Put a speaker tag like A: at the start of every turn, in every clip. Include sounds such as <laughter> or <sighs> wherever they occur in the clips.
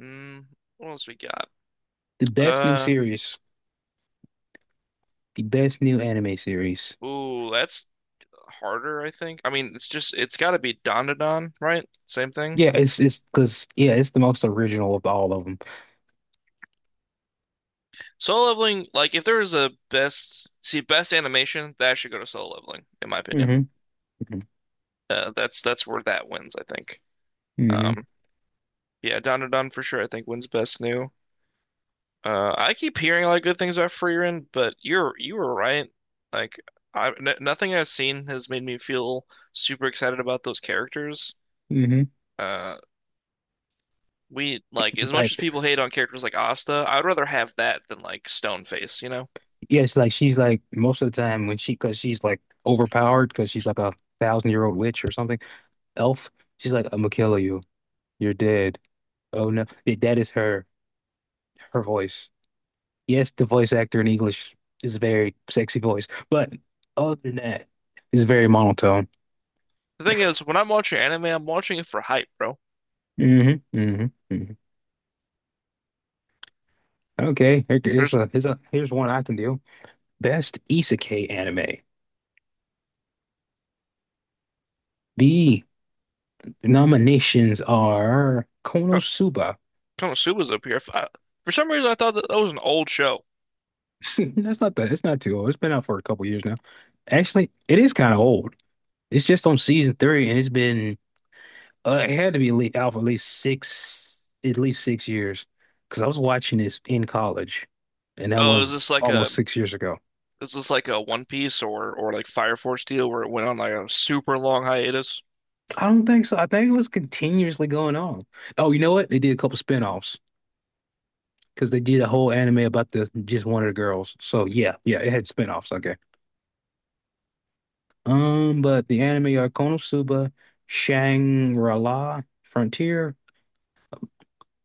A: Mm, what else we got?
B: The best new
A: Uh,
B: series, the best new anime series.
A: ooh, that's harder, I think. I mean, it's got to be Dandadan, right? Same thing.
B: Yeah, it's because yeah, it's the most original of all of them.
A: Solo Leveling, like if there is a best, see best animation, that should go to Solo Leveling, in my opinion.
B: Mm-hmm.
A: That's where that wins, I think.
B: Mm-hmm.
A: Um, yeah, Dandadan for sure, I think wins best new. I keep hearing a lot of good things about Frieren, but you were right. Like, I n Nothing I've seen has made me feel super excited about those characters.
B: hmm
A: Uh, We like as much as
B: Like
A: people hate on characters like Asta, I'd rather have that than like Stoneface.
B: yeah, it's like she's like most of the time when she because she's like overpowered because she's like a thousand year old witch or something. Elf, she's like I'm gonna kill you. You're dead. Oh no, yeah, that is her voice. Yes, the voice actor in English is a very sexy voice, but other than that, it's very monotone.
A: The thing is, when I'm watching anime, I'm watching it for hype, bro.
B: hmm hmm hmm Okay,
A: There's
B: here's one I can do. Best Isekai anime. The nominations are
A: Ko-
B: Konosuba.
A: Konosuba's up here. If I- For some reason, I thought that, that was an old show.
B: <laughs> That's not that. It's not too old. It's been out for a couple years now. Actually, it is kind of old. It's just on season three, and it's been it had to be out for at least six, at least 6 years, because I was watching this in college, and that
A: Oh, is
B: was
A: this like a
B: almost 6 years ago.
A: One Piece or like Fire Force deal where it went on like a super long hiatus?
B: I don't think so. I think it was continuously going on. Oh, you know what? They did a couple spin-offs, because they did a whole anime about the just one of the girls. So yeah, yeah, it had spinoffs. Okay. But the anime are Konosuba, Shangri-La, Frontier,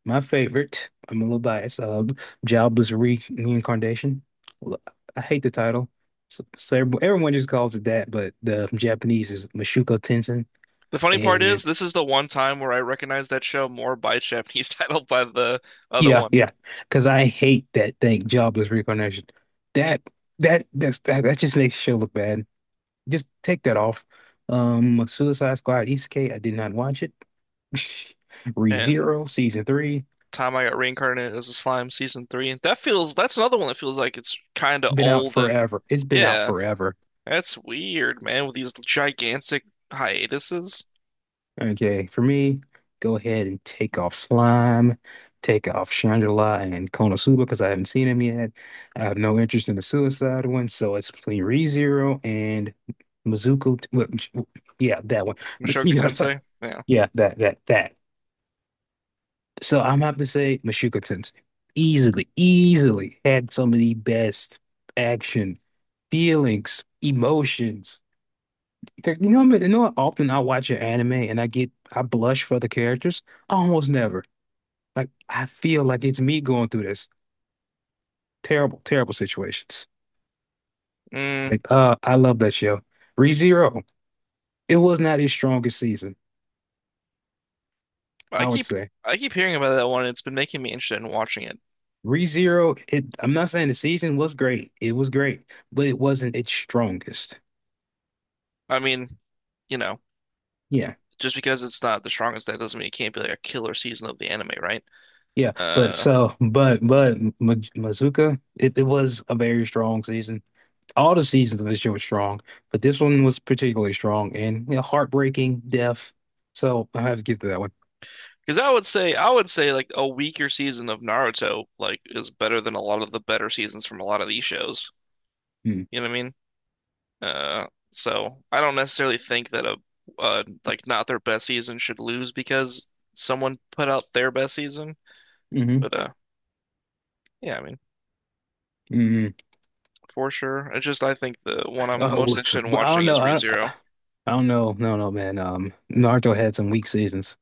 B: my favorite. I'm a little biased. Jobless Reincarnation. L- I hate the title. So everyone just calls it that, but the Japanese is Mashuko Tensei.
A: The funny part is,
B: And
A: this is the one time where I recognize that show more by its Japanese <laughs> title by the other
B: yeah,
A: one,
B: yeah, because I hate that thing, Jobless Reincarnation. That that that's, that that just makes the show look bad. Just take that off. Suicide Squad East K, I did not watch it. <laughs>
A: and
B: ReZero season three,
A: time I got reincarnated as a slime season three. And that's another one that feels like it's kind of
B: been out
A: old and
B: forever. It's been out
A: yeah,
B: forever.
A: that's weird, man, with these gigantic hiatuses.
B: Okay, for me, go ahead and take off Slime, take off Shangela and Konosuba because I haven't seen him yet. I have no interest in the Suicide one, so it's between ReZero and Mizuku. Yeah, that one. <laughs>
A: Mushoku
B: You know, so-
A: Tensei. Yeah.
B: yeah, that. So I'm have to say Mashuka Tensei easily, easily had some of the best action, feelings, emotions. How often I watch an anime and I blush for the characters. Almost never. Like I feel like it's me going through this terrible, terrible situations.
A: Mm,
B: Like I love that show. ReZero. It was not his strongest season,
A: I
B: I would
A: keep
B: say.
A: I keep hearing about that one and it's been making me interested in watching it.
B: ReZero. It. I'm not saying the season was great. It was great, but it wasn't its strongest.
A: I mean, you know,
B: Yeah.
A: just because it's not the strongest that doesn't mean it can't be like a killer season of the anime, right?
B: Yeah, but
A: Uh,
B: Mazuka, it was a very strong season. All the seasons of this year were strong, but this one was particularly strong and you know, heartbreaking, death. So I have to give to that one.
A: because I would say like a weaker season of Naruto like is better than a lot of the better seasons from a lot of these shows.
B: Mm.
A: You know what I mean? Uh, so I don't necessarily think that a like not their best season should lose because someone put out their best season.
B: Mm-hmm.
A: But yeah, I mean
B: Mm-hmm.
A: for sure. It's just I think the one I'm most
B: Oh,
A: interested in
B: but I don't
A: watching
B: know.
A: is ReZero.
B: I don't know. No, no, man. Naruto had some weak seasons.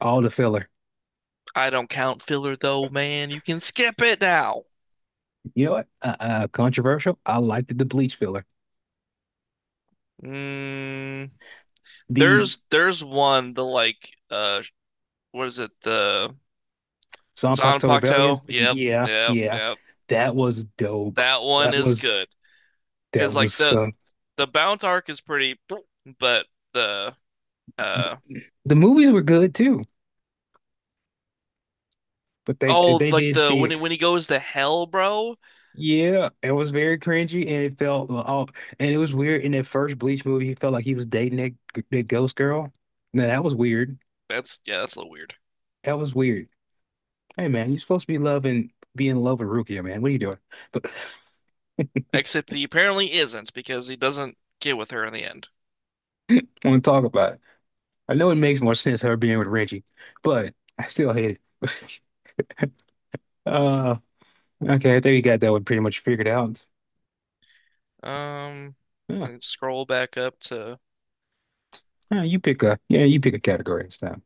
B: All the filler.
A: I don't count filler though, man. You can skip it now.
B: You know what? Controversial. I liked the Bleach filler.
A: Mm,
B: The
A: there's there's one the like what is it the
B: Zanpakuto Rebellion.
A: Zanpakuto? Yep,
B: Yeah,
A: yep,
B: yeah.
A: yep.
B: That was dope.
A: That one
B: That
A: is good
B: was That
A: because like
B: was
A: the Bount arc is pretty, but the Uh
B: the movies were good too, but they
A: oh,
B: they
A: like
B: did
A: the
B: fear.
A: when he goes to hell, bro.
B: Yeah, it was very cringy, and it felt oh, and it was weird. In that first Bleach movie, he felt like he was dating that ghost girl. Now that was weird.
A: That's yeah, that's a little weird.
B: That was weird. Hey man, you're supposed to be loving, be in love with Rukia, man. What are you doing? But <laughs>
A: Except he apparently isn't because he doesn't get with her in the end.
B: I want to talk about it. I know it makes more sense her being with Renji, but I still hate it. <laughs> Uh, okay, I think you got that one pretty much figured out.
A: Um,
B: Yeah,
A: can scroll back up to.
B: yeah, you pick a category this time.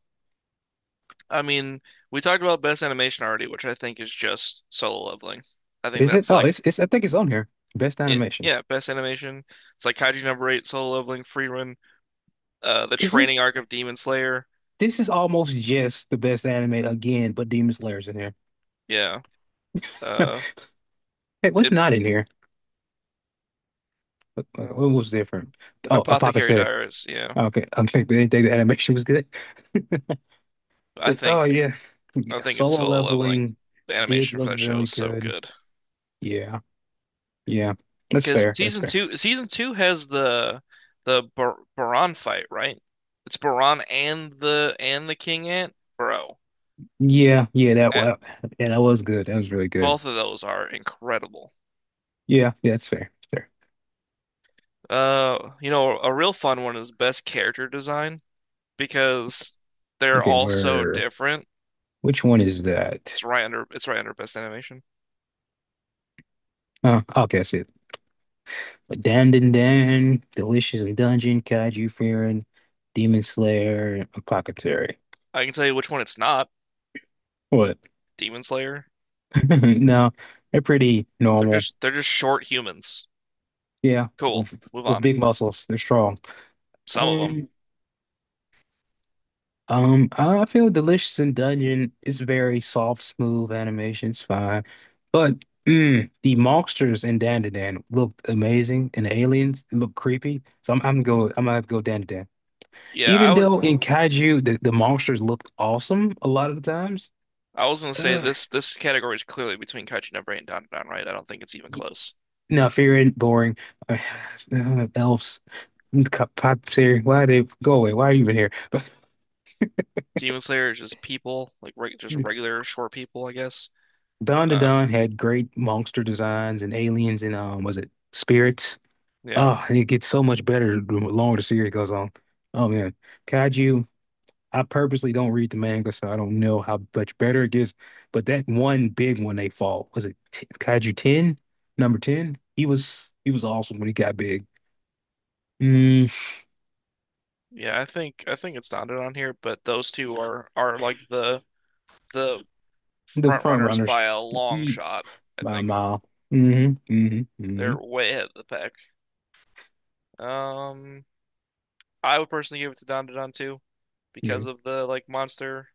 A: I mean, we talked about best animation already, which I think is just Solo Leveling. I think
B: Is it?
A: that's
B: Oh,
A: like
B: it's I think it's on here. Best
A: it.
B: animation.
A: Yeah, best animation. It's like Kaiju number eight, Solo Leveling, free run, the
B: Is it?
A: training arc of Demon Slayer.
B: This is almost just the best anime again, but Demon Slayer's in here. <laughs>
A: Yeah. Uh,
B: Hey, what's
A: it,
B: not in here?
A: uh,
B: What was different? Oh, a
A: Apothecary Diaries. Yeah.
B: okay, <laughs> I think they didn't think the animation was good. <laughs>
A: I
B: But oh
A: think
B: yeah,
A: I think it's
B: solo
A: Solo Leveling.
B: leveling
A: The
B: did
A: animation for
B: look
A: that show
B: really
A: is so
B: good.
A: good.
B: Yeah, yeah, that's
A: Because
B: fair. That's fair.
A: season two has the Bar Baran fight, right? It's Baran and the King Ant, bro.
B: Yeah,
A: eh,
B: yeah, that was good. That was really good.
A: Both of those are incredible.
B: Yeah, yeah, that's fair. Fair.
A: You know, a real fun one is best character design because they're
B: Okay,
A: all so
B: where?
A: different.
B: Which one is that?
A: It's right under best animation.
B: Oh, okay, I see it. But Dandan Dan, Delicious in Dungeon, Kaiju Fearing, Demon Slayer, and Apothecary.
A: I can tell you which one it's not.
B: What?
A: Demon Slayer.
B: <laughs> No, they're pretty
A: They're
B: normal.
A: just short humans.
B: Yeah,
A: Cool. Move
B: with
A: on.
B: big muscles, they're strong.
A: Some of them.
B: Um, I feel Delicious in Dungeon is very soft, smooth animation. It's fine, but mm, the monsters in Dandan Dan looked amazing, and the aliens look creepy. So I'm gonna have to go Dandan Dan.
A: Yeah, I
B: Even
A: would
B: though in Kaiju, the monsters looked awesome a lot of the times.
A: I was gonna say
B: Ugh.
A: this category is clearly between Kaijinobre and Dandadan, right? I don't think it's even close.
B: No, fear ain't boring. Uh, <sighs> elves, pops here. Why they go away? Why are you even here? But
A: Demon Slayer is just people, like reg just
B: <laughs>
A: regular short people, I guess.
B: Dawn to
A: Um,
B: Dawn had great monster designs and aliens and was it spirits?
A: yeah,
B: Oh, and it gets so much better the longer the series goes on. Oh man, Kaiju. I purposely don't read the manga, so I don't know how much better it gets. But that one big one they fought was it Kaiju 10, number 10? He was awesome when he got big. Mm.
A: yeah. I think it's Dandadan here, but those two are like the
B: The
A: front
B: front
A: runners
B: runners.
A: by a long
B: Eat
A: shot. I
B: by a
A: think
B: mile. Mm-hmm. Mm-hmm.
A: they're way ahead of the pack. Um, I would personally give it to Dandadan too,
B: Mm-hmm.
A: because of the like monster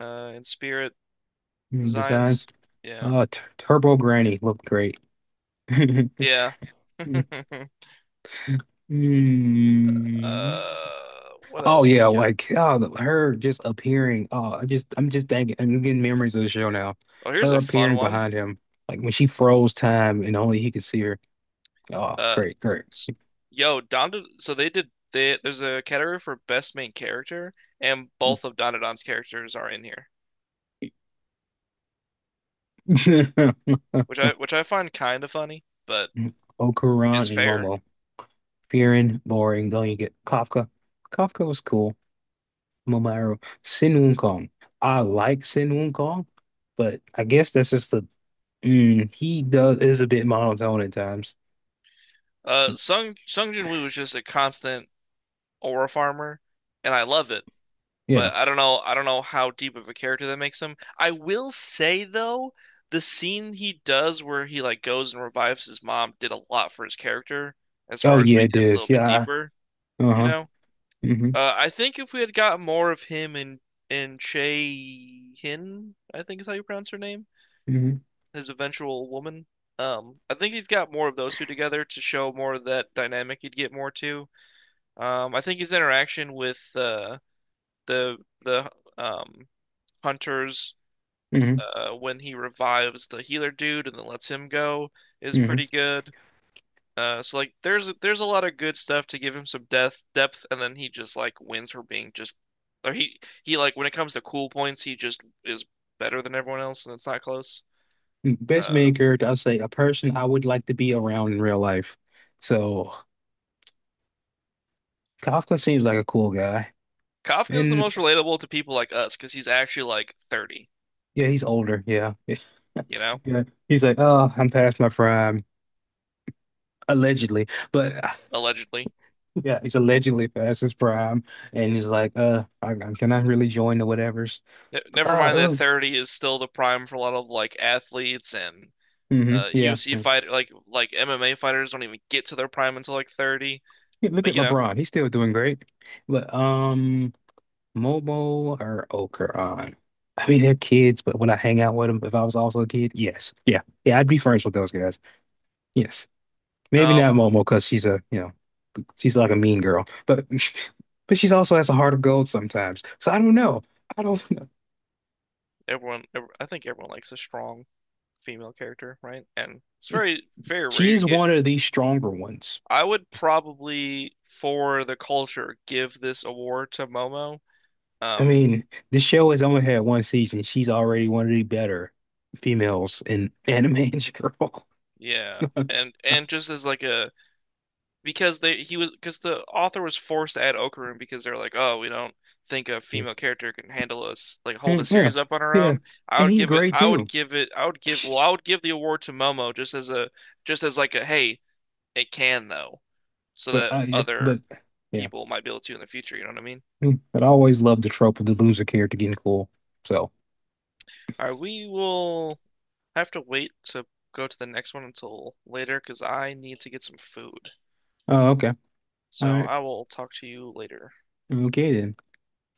A: and spirit
B: Designs.
A: designs. Yeah,
B: T Turbo Granny looked great. <laughs>
A: yeah. <laughs>
B: Mm.
A: What
B: Oh
A: else we
B: yeah,
A: got?
B: her just appearing. Oh, I just I'm just thinking I'm getting memories of the show now.
A: Oh, here's
B: Her
A: a fun
B: appearing
A: one.
B: behind him, like when she froze time and only he could see her. Oh,
A: Uh,
B: great, great.
A: s- Yo, Don. So they did. They there's a category for best main character, and both of Donadon's characters are in here,
B: <laughs> Okoron
A: which I find kind of funny, but
B: and
A: is fair.
B: Momo. Fearing, boring, don't you get Kafka? Kafka was cool. Momairo. Sin Wukong. I like Sin Wukong, but I guess that's just the mm, he does is a bit monotone at times.
A: Sung Jin Woo is just a constant aura farmer, and I love it.
B: Yeah.
A: But I don't know. I don't know how deep of a character that makes him. I will say though, the scene he does where he like goes and revives his mom did a lot for his character as
B: Oh
A: far as
B: yeah, it
A: making him a little
B: is.
A: bit
B: Yeah.
A: deeper. You
B: Uh-huh.
A: know,
B: hmm
A: I think if we had got more of him in Che Hin, I think is how you pronounce her name,
B: hmm
A: his eventual woman. I think you've got more of those two together to show more of that dynamic you'd get more too. I think his interaction with the the um, hunters
B: hmm
A: when he revives the healer dude and then lets him go is
B: hmm
A: pretty good. So there's a lot of good stuff to give him some death depth, and then he just like wins for being just or he like when it comes to cool points, he just is better than everyone else, and it's not close.
B: Best
A: Uh,
B: main character, I'll say a person I would like to be around in real life. So Kafka seems like a cool guy.
A: Kafka is the
B: And
A: most relatable to people like us because he's actually like 30,
B: yeah, he's older. Yeah. <laughs>
A: you know,
B: Yeah. He's like, oh, I'm past my prime, allegedly. But <laughs>
A: allegedly.
B: yeah, he's allegedly past his prime, and he's like, I cannot really join the whatevers." But,
A: Never mind
B: it
A: that
B: was,
A: 30 is still the prime for a lot of like athletes and uh,
B: yeah.
A: UFC
B: Yeah,
A: fighter like like MMA fighters don't even get to their prime until like 30.
B: yeah, look
A: But
B: at
A: you know,
B: LeBron; he's still doing great. But Momo or Okeron, I mean, they're kids, but would I hang out with them if I was also a kid? Yes, yeah, yeah. I'd be friends with those guys. Yes, maybe
A: um,
B: not Momo because she's a, you know, she's like a mean girl, but <laughs> but she's also has a heart of gold sometimes. So I don't know. I don't <laughs> know.
A: everyone, ev I think everyone likes a strong female character, right? And it's very rare
B: She
A: you
B: is
A: get.
B: one of the stronger ones.
A: I would probably, for the culture, give this award to Momo.
B: I
A: Um,
B: mean, the show has only had one season. She's already one of the better females in <laughs> anime in general. <laughs>
A: yeah, and just as like a because the author was forced to add Okarun because they're like, oh, we don't think a
B: Yeah,
A: female character can handle us like hold a
B: mm, yeah,
A: series up on her
B: yeah,
A: own. I
B: and
A: would
B: he's
A: give it,
B: great
A: I would
B: too.
A: give it, I would give, well,
B: <laughs>
A: I would give the award to Momo just as a just as like a hey, it can though, so
B: But
A: that
B: I, yeah,
A: other
B: but Yeah,
A: people might be able to in the future. You know what I mean?
B: mm, but I always loved the trope of the loser character getting cool. So,
A: All right, we will have to wait to go to the next one until later because I need to get some food.
B: oh, okay, all
A: So
B: right,
A: I will talk to you later.
B: okay then.